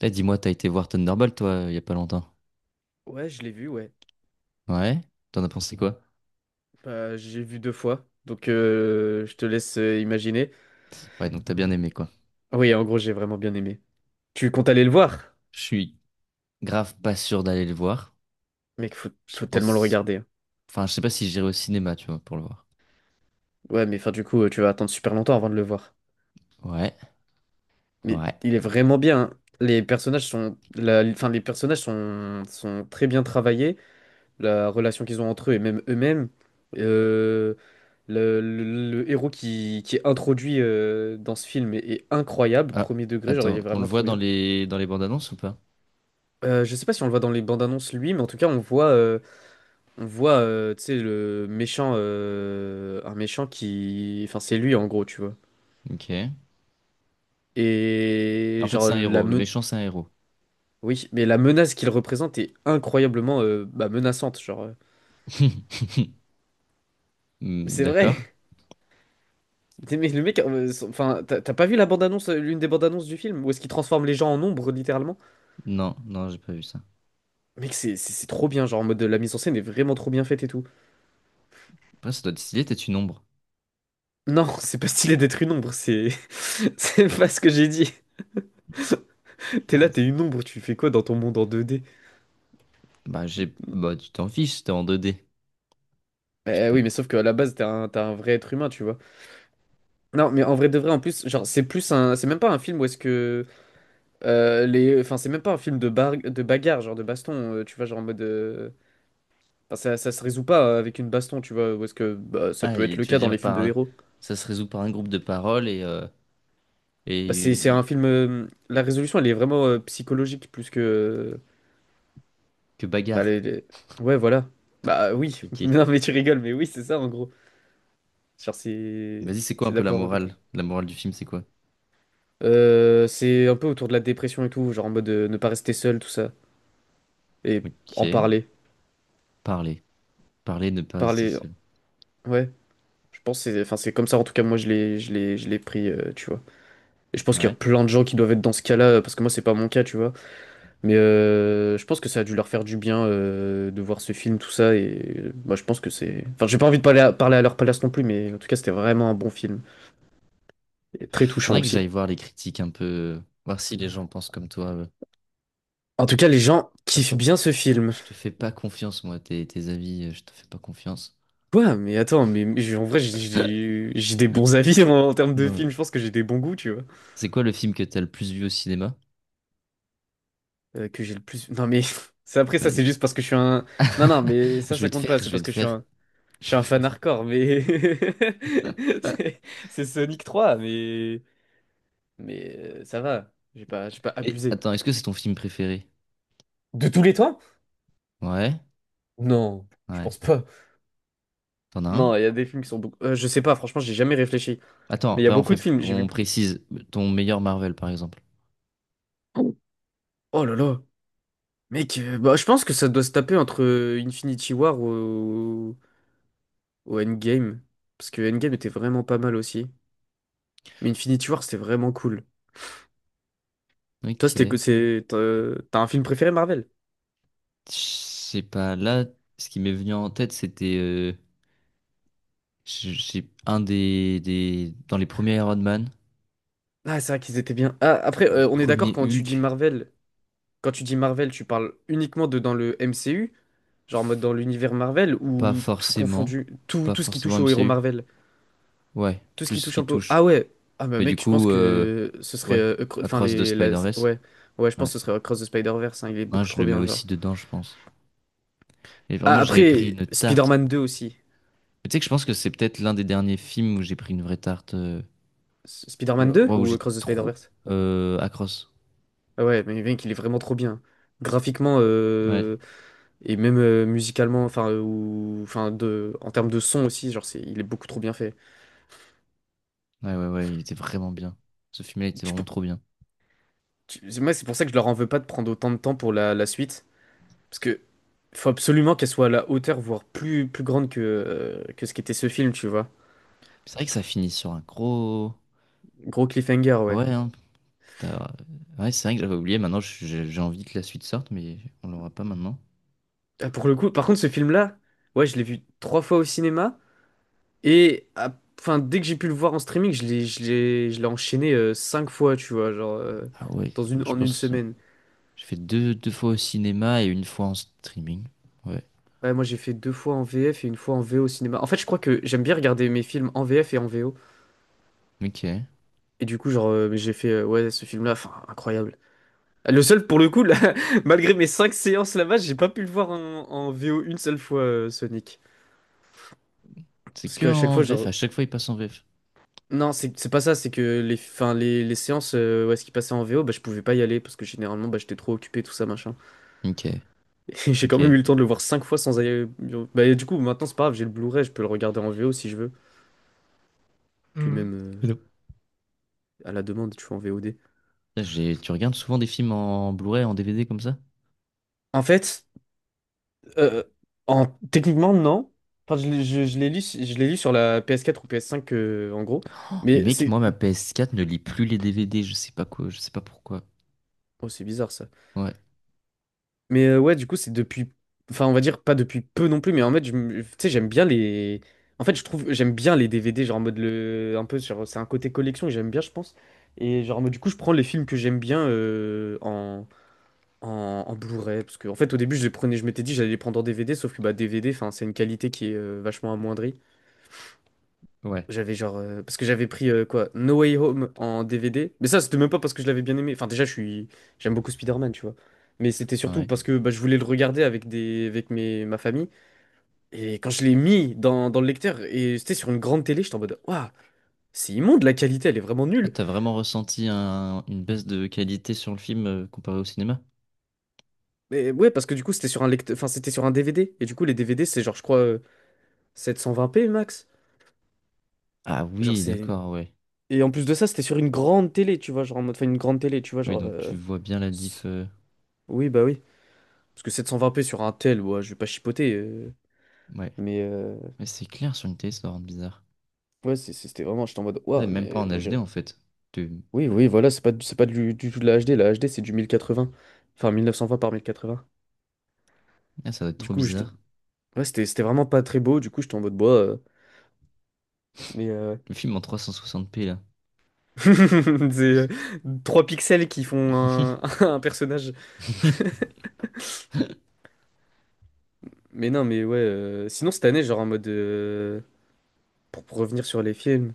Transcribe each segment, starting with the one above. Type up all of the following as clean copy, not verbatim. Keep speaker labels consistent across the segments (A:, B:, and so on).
A: Eh, dis-moi, t'as été voir Thunderbolt, toi, il y a pas longtemps.
B: Ouais, je l'ai vu, ouais.
A: Ouais? T'en as pensé quoi?
B: Bah, j'ai vu deux fois, donc je te laisse imaginer.
A: Ouais, donc t'as bien aimé, quoi.
B: Ah oui, en gros, j'ai vraiment bien aimé. Tu comptes aller le voir?
A: Grave pas sûr d'aller le voir.
B: Mec,
A: Je
B: faut tellement le
A: pense...
B: regarder, hein.
A: Enfin, je sais pas si j'irai au cinéma, tu vois, pour le voir.
B: Ouais, mais enfin, du coup, tu vas attendre super longtemps avant de le voir.
A: Ouais,
B: Mais
A: ouais.
B: il est vraiment bien, hein. Les personnages sont, la, enfin, les personnages sont très bien travaillés. La relation qu'ils ont entre eux et même eux-mêmes. Euh, le héros qui est introduit, dans ce film est incroyable, premier degré, genre il
A: Attends,
B: est
A: on le
B: vraiment
A: voit
B: trop
A: dans
B: bien.
A: les bandes annonces ou pas?
B: Je sais pas si on le voit dans les bandes annonces, lui, mais en tout cas on voit, tu sais, le méchant, un méchant qui, enfin c'est lui en gros, tu vois.
A: Ok. En
B: Et
A: fait,
B: genre
A: c'est un
B: la
A: héros. Le
B: me-
A: méchant, c'est un héros.
B: oui, mais la menace qu'il représente est incroyablement, bah, menaçante, genre. Mais
A: Hmm,
B: c'est
A: d'accord.
B: vrai. Mais le mec, enfin t'as pas vu la bande annonce, l'une des bandes annonces du film, où est-ce qu'il transforme les gens en ombre, littéralement?
A: Non, non, j'ai pas vu ça.
B: Mec, c'est trop bien, genre en mode la mise en scène est vraiment trop bien faite et tout.
A: Après, ça doit décider stylé, t'es une ombre.
B: Non, c'est pas stylé d'être une ombre, c'est c'est pas ce que j'ai dit. T'es
A: Bah,
B: là, t'es
A: c'est-
B: une ombre, tu fais quoi dans ton monde en 2D?
A: Bah, tu t'en fiches, t'es en 2D. Tu peux...
B: Oui, mais
A: t-
B: sauf qu'à la base, t'es un vrai être humain, tu vois. Non, mais en vrai de vrai, en plus, genre, c'est plus un. C'est même pas un film où est-ce que. Les... enfin, c'est même pas un film de bagarre, genre de baston, tu vois, genre en mode. Enfin, ça se résout pas, avec une baston, tu vois, où est-ce que bah, ça
A: Ah,
B: peut être
A: et
B: le
A: tu veux
B: cas dans
A: dire,
B: les films
A: par...
B: de
A: un-
B: héros.
A: ça se résout par un groupe de paroles et... euh,
B: Bah, c'est un
A: et...
B: film. La résolution, elle est vraiment, psychologique plus que.
A: que
B: Enfin,
A: bagarre.
B: les- les- Ouais, voilà. Bah oui.
A: Ok.
B: Non, mais tu rigoles, mais oui, c'est ça, en gros. Genre, c'est.
A: Vas-y, c'est quoi un
B: C'est de
A: peu
B: la
A: la
B: parole et tout.
A: morale? La morale du film, c'est quoi?
B: C'est un peu autour de la dépression et tout, genre en mode, ne pas rester seul, tout ça. Et en
A: Ok.
B: parler.
A: Parler. Parler, ne pas rester
B: Parler.
A: seul.
B: Ouais. Je pense que c'est, enfin, c'est comme ça, en tout cas, moi, je l'ai pris, tu vois. Et je pense qu'il y a
A: Ouais.
B: plein de gens qui doivent être dans ce cas-là, parce que moi, c'est pas mon cas, tu vois. Mais, je pense que ça a dû leur faire du bien, de voir ce film, tout ça. Et, moi, je pense que c'est. Enfin, j'ai pas envie de parler à, parler à leur place non plus, mais en tout cas, c'était vraiment un bon film. Et très touchant
A: Faudrait que
B: aussi.
A: j'aille voir les critiques un peu. Voir si les gens pensent comme toi.
B: En tout cas, les gens kiffent bien ce film.
A: Pas confiance, moi, tes, tes avis, je te fais pas confiance.
B: Quoi? Mais attends, mais en vrai, j'ai des bons avis en termes de films. Je pense que j'ai des bons goûts, tu vois.
A: C'est quoi le film que t'as le plus vu au cinéma?
B: Que j'ai le plus. Non, mais c'est après ça,
A: Ouais,
B: c'est
A: c'est-
B: juste parce que je suis un. Non, non, mais ça,
A: Je-
B: ça compte pas. C'est parce que je suis un fan hardcore. Mais c'est Sonic 3, mais ça va. J'ai pas
A: Eh,
B: abusé.
A: attends, est-ce que c'est ton film préféré?
B: De tous les temps?
A: Ouais.
B: Non, je
A: Ouais.
B: pense pas.
A: T'en as un?
B: Non, il y a des films qui sont beaucoup. Je sais pas. Franchement, j'ai jamais réfléchi. Mais
A: Attends,
B: il y a
A: va, on
B: beaucoup de
A: fait...
B: films. J'ai vu.
A: On précise. Ton meilleur Marvel, par exemple.
B: Oh là là. Mec, bah, je pense que ça doit se taper entre, Infinity War au Endgame. Parce que Endgame était vraiment pas mal aussi. Mais Infinity War, c'était vraiment cool. Toi,
A: Ok.
B: c'était
A: Je
B: que c'est. T'as un film préféré, Marvel?
A: sais pas. Là, ce qui m'est venu en tête, c'était. C'est un des, dans les premiers Iron Man,
B: Ah, c'est vrai qu'ils étaient bien. Ah, après, on est d'accord
A: premier
B: quand tu dis
A: Hulk,
B: Marvel. Quand tu dis Marvel, tu parles uniquement de dans le MCU, genre en mode dans l'univers Marvel,
A: pas
B: ou tout
A: forcément.
B: confondu, tout,
A: Pas
B: tout ce qui
A: forcément
B: touche au héros
A: MCU.
B: Marvel?
A: Ouais,
B: Tout ce
A: plus
B: qui
A: ce
B: touche
A: qui
B: un peu.
A: touche.
B: Ah ouais. Ah bah
A: Du
B: mec, je pense
A: coup, euh,
B: que ce serait. Enfin,
A: Across the Spider-Verse,
B: Ouais. Ouais, je pense que ce serait Across the Spider-Verse, hein. Il est
A: hein,
B: beaucoup
A: je
B: trop
A: le mets
B: bien, genre.
A: aussi dedans. Et
B: Ah,
A: vraiment, j'avais pris
B: après,
A: une...
B: Spider-Man 2 aussi.
A: Tu sais que je pense que c'est peut-être l'un des derniers films où j'ai pris une vraie tarte...
B: Spider-Man 2
A: ouais, où
B: ou
A: j'ai...
B: Across the Spider-Verse?
A: Across.
B: Ah ouais, mais mec, il est vraiment trop bien. Graphiquement,
A: Ouais.
B: et même, musicalement, enfin, ou, enfin de, en termes de son aussi, genre, c'est, il est beaucoup trop bien fait.
A: Ouais, il était vraiment bien. Ce film-là il était
B: Tu
A: vraiment
B: peux-
A: trop bien.
B: Moi, c'est pour ça que je leur en veux pas de prendre autant de temps pour la suite. Parce que il faut absolument qu'elle soit à la hauteur, voire plus, plus grande que, que ce qu'était ce film, tu vois.
A: C'est vrai que ça finit sur un gros...
B: Gros cliffhanger, ouais.
A: Ouais, hein. t'as- Ouais, c'est vrai que j'avais oublié. Maintenant, j'ai envie que la suite sorte, mais on l'aura pas maintenant.
B: Ah, pour le coup, par contre, ce film-là, ouais, je l'ai vu trois fois au cinéma. Et ah, enfin, dès que j'ai pu le voir en streaming, je l'ai enchaîné, cinq fois, tu vois, genre,
A: Ah ouais, je
B: en une
A: pense ça.
B: semaine.
A: J'ai fait deux fois au cinéma et une fois en streaming. Ouais.
B: Ouais, moi, j'ai fait deux fois en VF et une fois en VO au cinéma. En fait, je crois que j'aime bien regarder mes films en VF et en VO.
A: Ok.
B: Et du coup, genre, j'ai fait, ouais, ce film-là, enfin, incroyable. Le seul, pour le coup, là, malgré mes 5 séances là-bas, j'ai pas pu le voir en VO une seule fois, Sonic.
A: C'est
B: Parce
A: que
B: qu'à chaque
A: en
B: fois,
A: VF,
B: genre.
A: à chaque fois c'est en VF.
B: Non, c'est pas ça, c'est que les séances, où est-ce qu'il passait en VO, bah, je pouvais pas y aller parce que généralement, bah, j'étais trop occupé, tout ça, machin.
A: Ok.
B: Et j'ai
A: Ok.
B: quand même eu le temps de le voir 5 fois sans aller. Bah, et du coup, maintenant, c'est pas grave, j'ai le Blu-ray, je peux le regarder en VO si je veux. Puis
A: Mhm.
B: même,
A: Et donc,
B: à la demande, tu vois, en VOD.
A: Putain, j'ai, tu regardes souvent des films en Blu-ray, en DVD comme ça?
B: En fait, euh, techniquement, non. Enfin, je l'ai lu sur la PS4 ou PS5, en gros.
A: Mais
B: Mais
A: mec,
B: c'est
A: moi ma PS4 ne lit plus les DVD, je sais pas quoi, je sais pas pourquoi.
B: Oh, c'est bizarre, ça.
A: Ouais.
B: Mais, ouais, du coup, c'est depuis. Enfin, on va dire pas depuis peu non plus, mais en fait, tu sais, j'aime bien les. En fait, je trouve. J'aime bien les DVD, genre en mode le. Un peu, genre, c'est un côté collection que j'aime bien, je pense. Et genre, en mode, du coup, je prends les films que j'aime bien, en. En Blu-ray, parce que en fait au début je les prenais, je m'étais dit j'allais les prendre en DVD, sauf que bah DVD, enfin c'est une qualité qui est, vachement amoindrie.
A: Ouais.
B: J'avais genre. Parce que j'avais pris, quoi? No Way Home en DVD. Mais ça, c'était même pas parce que je l'avais bien aimé. Enfin, déjà, je suis. J'aime beaucoup Spider-Man, tu vois. Mais c'était surtout
A: Ouais.
B: parce que bah, je voulais le regarder avec des... avec mes... ma famille. Et quand je l'ai mis dans le lecteur, et c'était sur une grande télé, j'étais en mode. Waouh, c'est immonde, la qualité, elle est vraiment
A: Ah,
B: nulle.
A: t'as vraiment ressenti une baisse de qualité sur le film comparé au cinéma?
B: Mais ouais, parce que du coup, c'était sur un lecteur. Enfin, c'était sur un DVD. Et du coup, les DVD, c'est genre, je crois, 720p max.
A: Ah
B: Genre,
A: oui,
B: c'est.
A: d'accord, ouais.
B: Et en plus de ça, c'était sur une grande télé, tu vois. Genre, en mode. Enfin, une grande télé, tu vois. Genre.
A: Tu vois bien la diff.
B: S-
A: euh,
B: Oui, bah oui. Parce que 720p sur un tel, ouais, je vais pas chipoter. euh,
A: Ouais.
B: mais euh,
A: C'est clair sur une télé, ça doit rendre bizarre.
B: ouais, c'était vraiment, j'étais en mode,
A: Ouais,
B: waouh,
A: même pas en
B: mais on
A: HD
B: dirait.
A: en fait.
B: Oui, oui, voilà, c'est pas du tout de la HD. La HD, c'est du 1080. Enfin, 1920 par 1080.
A: Ah, ça doit être
B: Du
A: trop
B: coup, j'étais-
A: bizarre.
B: ouais, c'était vraiment pas très beau. Du coup, j'étais en mode, bois. Mais,
A: Le film en 360p là.
B: c'est 3 pixels qui font un, un personnage. Mais non, mais ouais. Sinon, cette année, genre en mode. Pour revenir sur les films,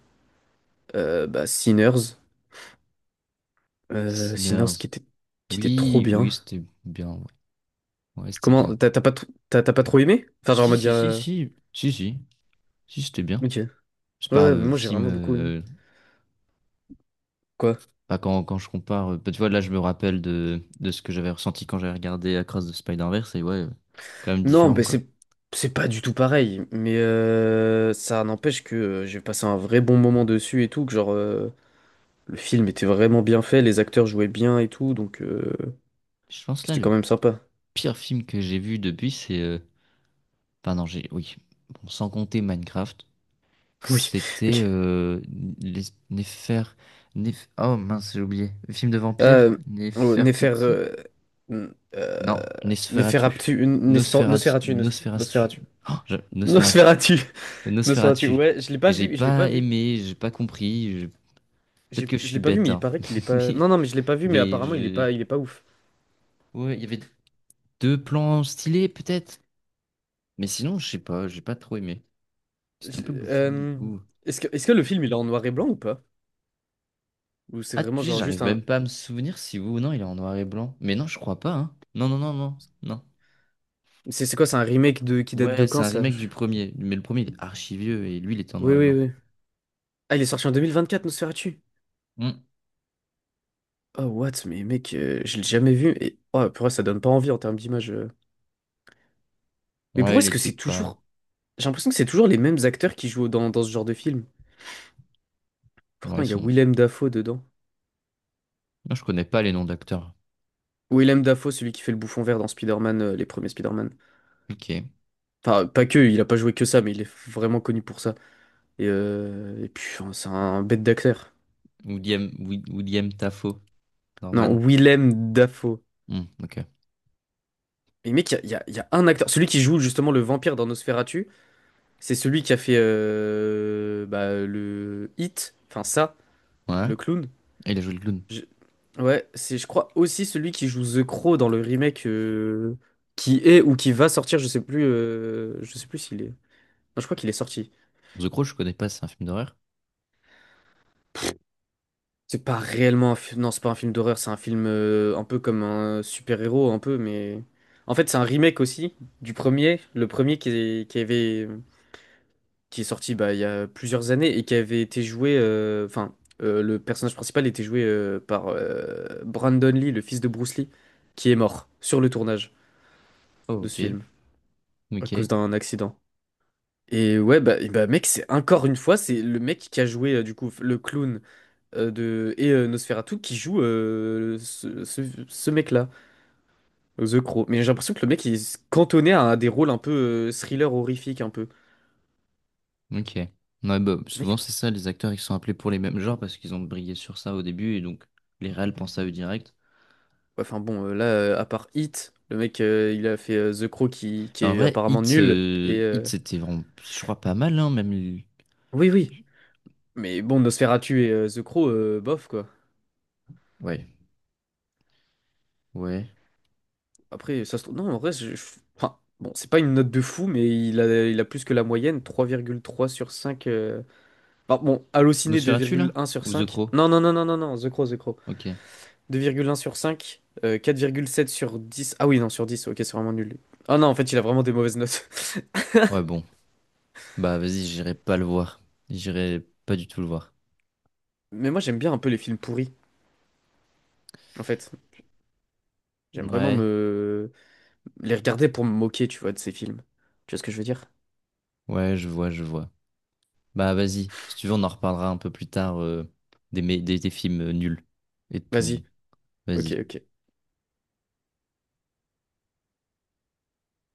B: bah, Sinners. Sinners qui
A: Sinners.
B: était, trop
A: Oui, oui,
B: bien.
A: c'était bien. Ouais, ouais, c'était bien.
B: Comment? T'as pas trop aimé? Enfin, genre, en
A: Si,
B: mode.
A: si, si, si, si, si, c'était bien.
B: Ok.
A: C'est
B: Ouais,
A: pas
B: ouais, moi j'ai
A: film.
B: vraiment beaucoup aimé. Quoi?
A: Pas quand, quand je compare. Bah, tu vois, là, je me rappelle de ce que j'avais ressenti quand j'avais regardé Across the Spider-Verse. Et ouais, quand même
B: Non,
A: différent
B: mais
A: quoi.
B: c'est pas du tout pareil. Mais, ça n'empêche que, j'ai passé un vrai bon moment dessus et tout. Que genre, le film était vraiment bien fait, les acteurs jouaient bien et tout. Donc,
A: Je pense là,
B: c'était quand
A: le
B: même sympa.
A: pire film que j'ai vu depuis, c'est... Enfin, non, j'ai. Oui. Bon, sans compter Minecraft.
B: Oui,
A: C'était
B: ok.
A: Les Néfer... Oh mince, j'ai oublié. Film de vampire?
B: Euh, oh, Néfer. N- euh,
A: Non, Nosferatu.
B: Néferaptu.
A: Nosferatu.
B: Nosferatu. Nosferatu.
A: Nosferatu.
B: Nosferatu. Nosferatu.
A: Nosferatu.
B: Ouais, je l'ai pas
A: J'ai
B: vu, je l'ai pas
A: pas
B: vu.
A: aimé, j'ai pas compris. Peut-être que je
B: Je l'ai
A: suis
B: pas vu, mais
A: bête,
B: il
A: hein.
B: paraît qu'il est pas. Non, non, mais je l'ai pas vu, mais
A: Mais
B: apparemment il est
A: j'ai...
B: pas, il est pas ouf.
A: Ouais, il y avait deux plans stylés, peut-être. Mais sinon, je sais pas, j'ai pas trop aimé. C'était un
B: Je-
A: peu bouffi et
B: euh,
A: tout.
B: est-ce que le film il est en noir et blanc ou pas? Ou c'est
A: Ah,
B: vraiment
A: tu sais,
B: genre juste
A: j'arrive
B: un.
A: même pas à me souvenir si vous ou non, il est en noir et blanc. Mais non, je crois pas, hein. Non, non, non, non, non.
B: C'est quoi, c'est un remake de qui date de
A: Ouais, c'est
B: quand
A: un
B: ça?
A: remake du premier. Mais le premier, il est archi vieux et lui, il était en
B: Oui,
A: noir et
B: oui,
A: blanc.
B: oui. Ah, il est sorti en 2024, Nosferatu.
A: Hmm.
B: Oh, what? Mais mec, je l'ai jamais vu. Et oh, purée, ça donne pas envie en termes d'image. Mais
A: Ouais,
B: pourquoi
A: il
B: est-ce que
A: était
B: c'est
A: pas.
B: toujours. J'ai l'impression que c'est toujours les mêmes acteurs qui jouent dans ce genre de film.
A: Ouais,
B: Pourtant,
A: ils
B: il y a
A: sont.
B: Willem Dafoe dedans.
A: Moi, je connais pas les noms d'acteurs.
B: Willem Dafoe, celui qui fait le bouffon vert dans Spider-Man, les premiers Spider-Man.
A: Ok.
B: Enfin, pas que, il a pas joué que ça, mais il est vraiment connu pour ça. Et puis, enfin, c'est un bête d'acteur.
A: William, William Dafoe,
B: Non,
A: Norman.
B: Willem Dafoe. Mais mec, il y a, il y a- il y a un acteur. Celui qui joue justement le vampire dans Nosferatu, c'est celui qui a fait bah, le Hit, enfin ça,
A: Ouais.
B: le clown.
A: Et il a joué le clown.
B: Je- Ouais, c'est, je crois, aussi celui qui joue The Crow dans le remake qui est ou qui va sortir, je sais plus s'il est. Non, je crois qu'il est sorti.
A: The Crow, je connais pas, c'est un film d'horreur.
B: C'est pas réellement un film. Non, c'est pas un film d'horreur, c'est un film un peu comme un super-héros, un peu, mais. En fait, c'est un remake aussi du premier. Le premier qui est, qui avait. Qui est sorti bah, il y a plusieurs années et qui avait été joué. Enfin, le personnage principal était joué par Brandon Lee, le fils de Bruce Lee, qui est mort sur le tournage
A: Oh,
B: de ce
A: ok.
B: film à cause
A: Ok.
B: d'un accident. Et ouais, bah, et bah, mec, c'est encore une fois, c'est le mec qui a joué du coup le clown. De, et Nosferatu qui joue ce mec-là, The Crow. Mais j'ai l'impression que le mec il est cantonné à des rôles un peu thriller horrifique un peu.
A: Ok. Ouais, bah,
B: Le
A: souvent,
B: mec, ouais,
A: c'est ça, les acteurs, ils sont appelés pour les mêmes genres parce qu'ils ont brillé sur ça au début et donc les réals pensent à eux direct.
B: enfin bon, là, à part Hit, le mec il a fait The Crow qui
A: Mais en
B: est
A: vrai,
B: apparemment nul. Et
A: Hit, c'était vraiment, je crois, pas mal, hein, même.
B: oui, oui. Mais bon, Nosferatu et The Crow, bof quoi.
A: Ouais. Ouais.
B: Après, ça se trouve. Non, en vrai, enfin, bon, c'est pas une note de fou, mais il a plus que la moyenne, 3,3 sur cinq. Enfin, bon, Allociné
A: Nosferatu, là?
B: 2,1 sur
A: Ou The
B: cinq.
A: Crow?
B: Non, non, non, non, non, non, The Crow, The Crow. Deux virgule un sur 5, quatre virgule sept sur dix. Ah oui, non, sur dix, ok, c'est vraiment nul. Ah non, en fait, il a vraiment des mauvaises notes.
A: Ouais, bon. Bah vas-y, j'irai pas le voir. J'irai pas du tout le voir.
B: Mais moi, j'aime bien un peu les films pourris, en fait. J'aime vraiment
A: Ouais,
B: me les regarder pour me moquer, tu vois, de ces films. Tu vois ce que je veux dire?
A: ouais, je vois, je vois. Bah vas-y, si tu veux, on en reparlera un peu plus tard des films nuls. Et de ton...
B: Vas-y, ok,
A: Vas-y.
B: ok.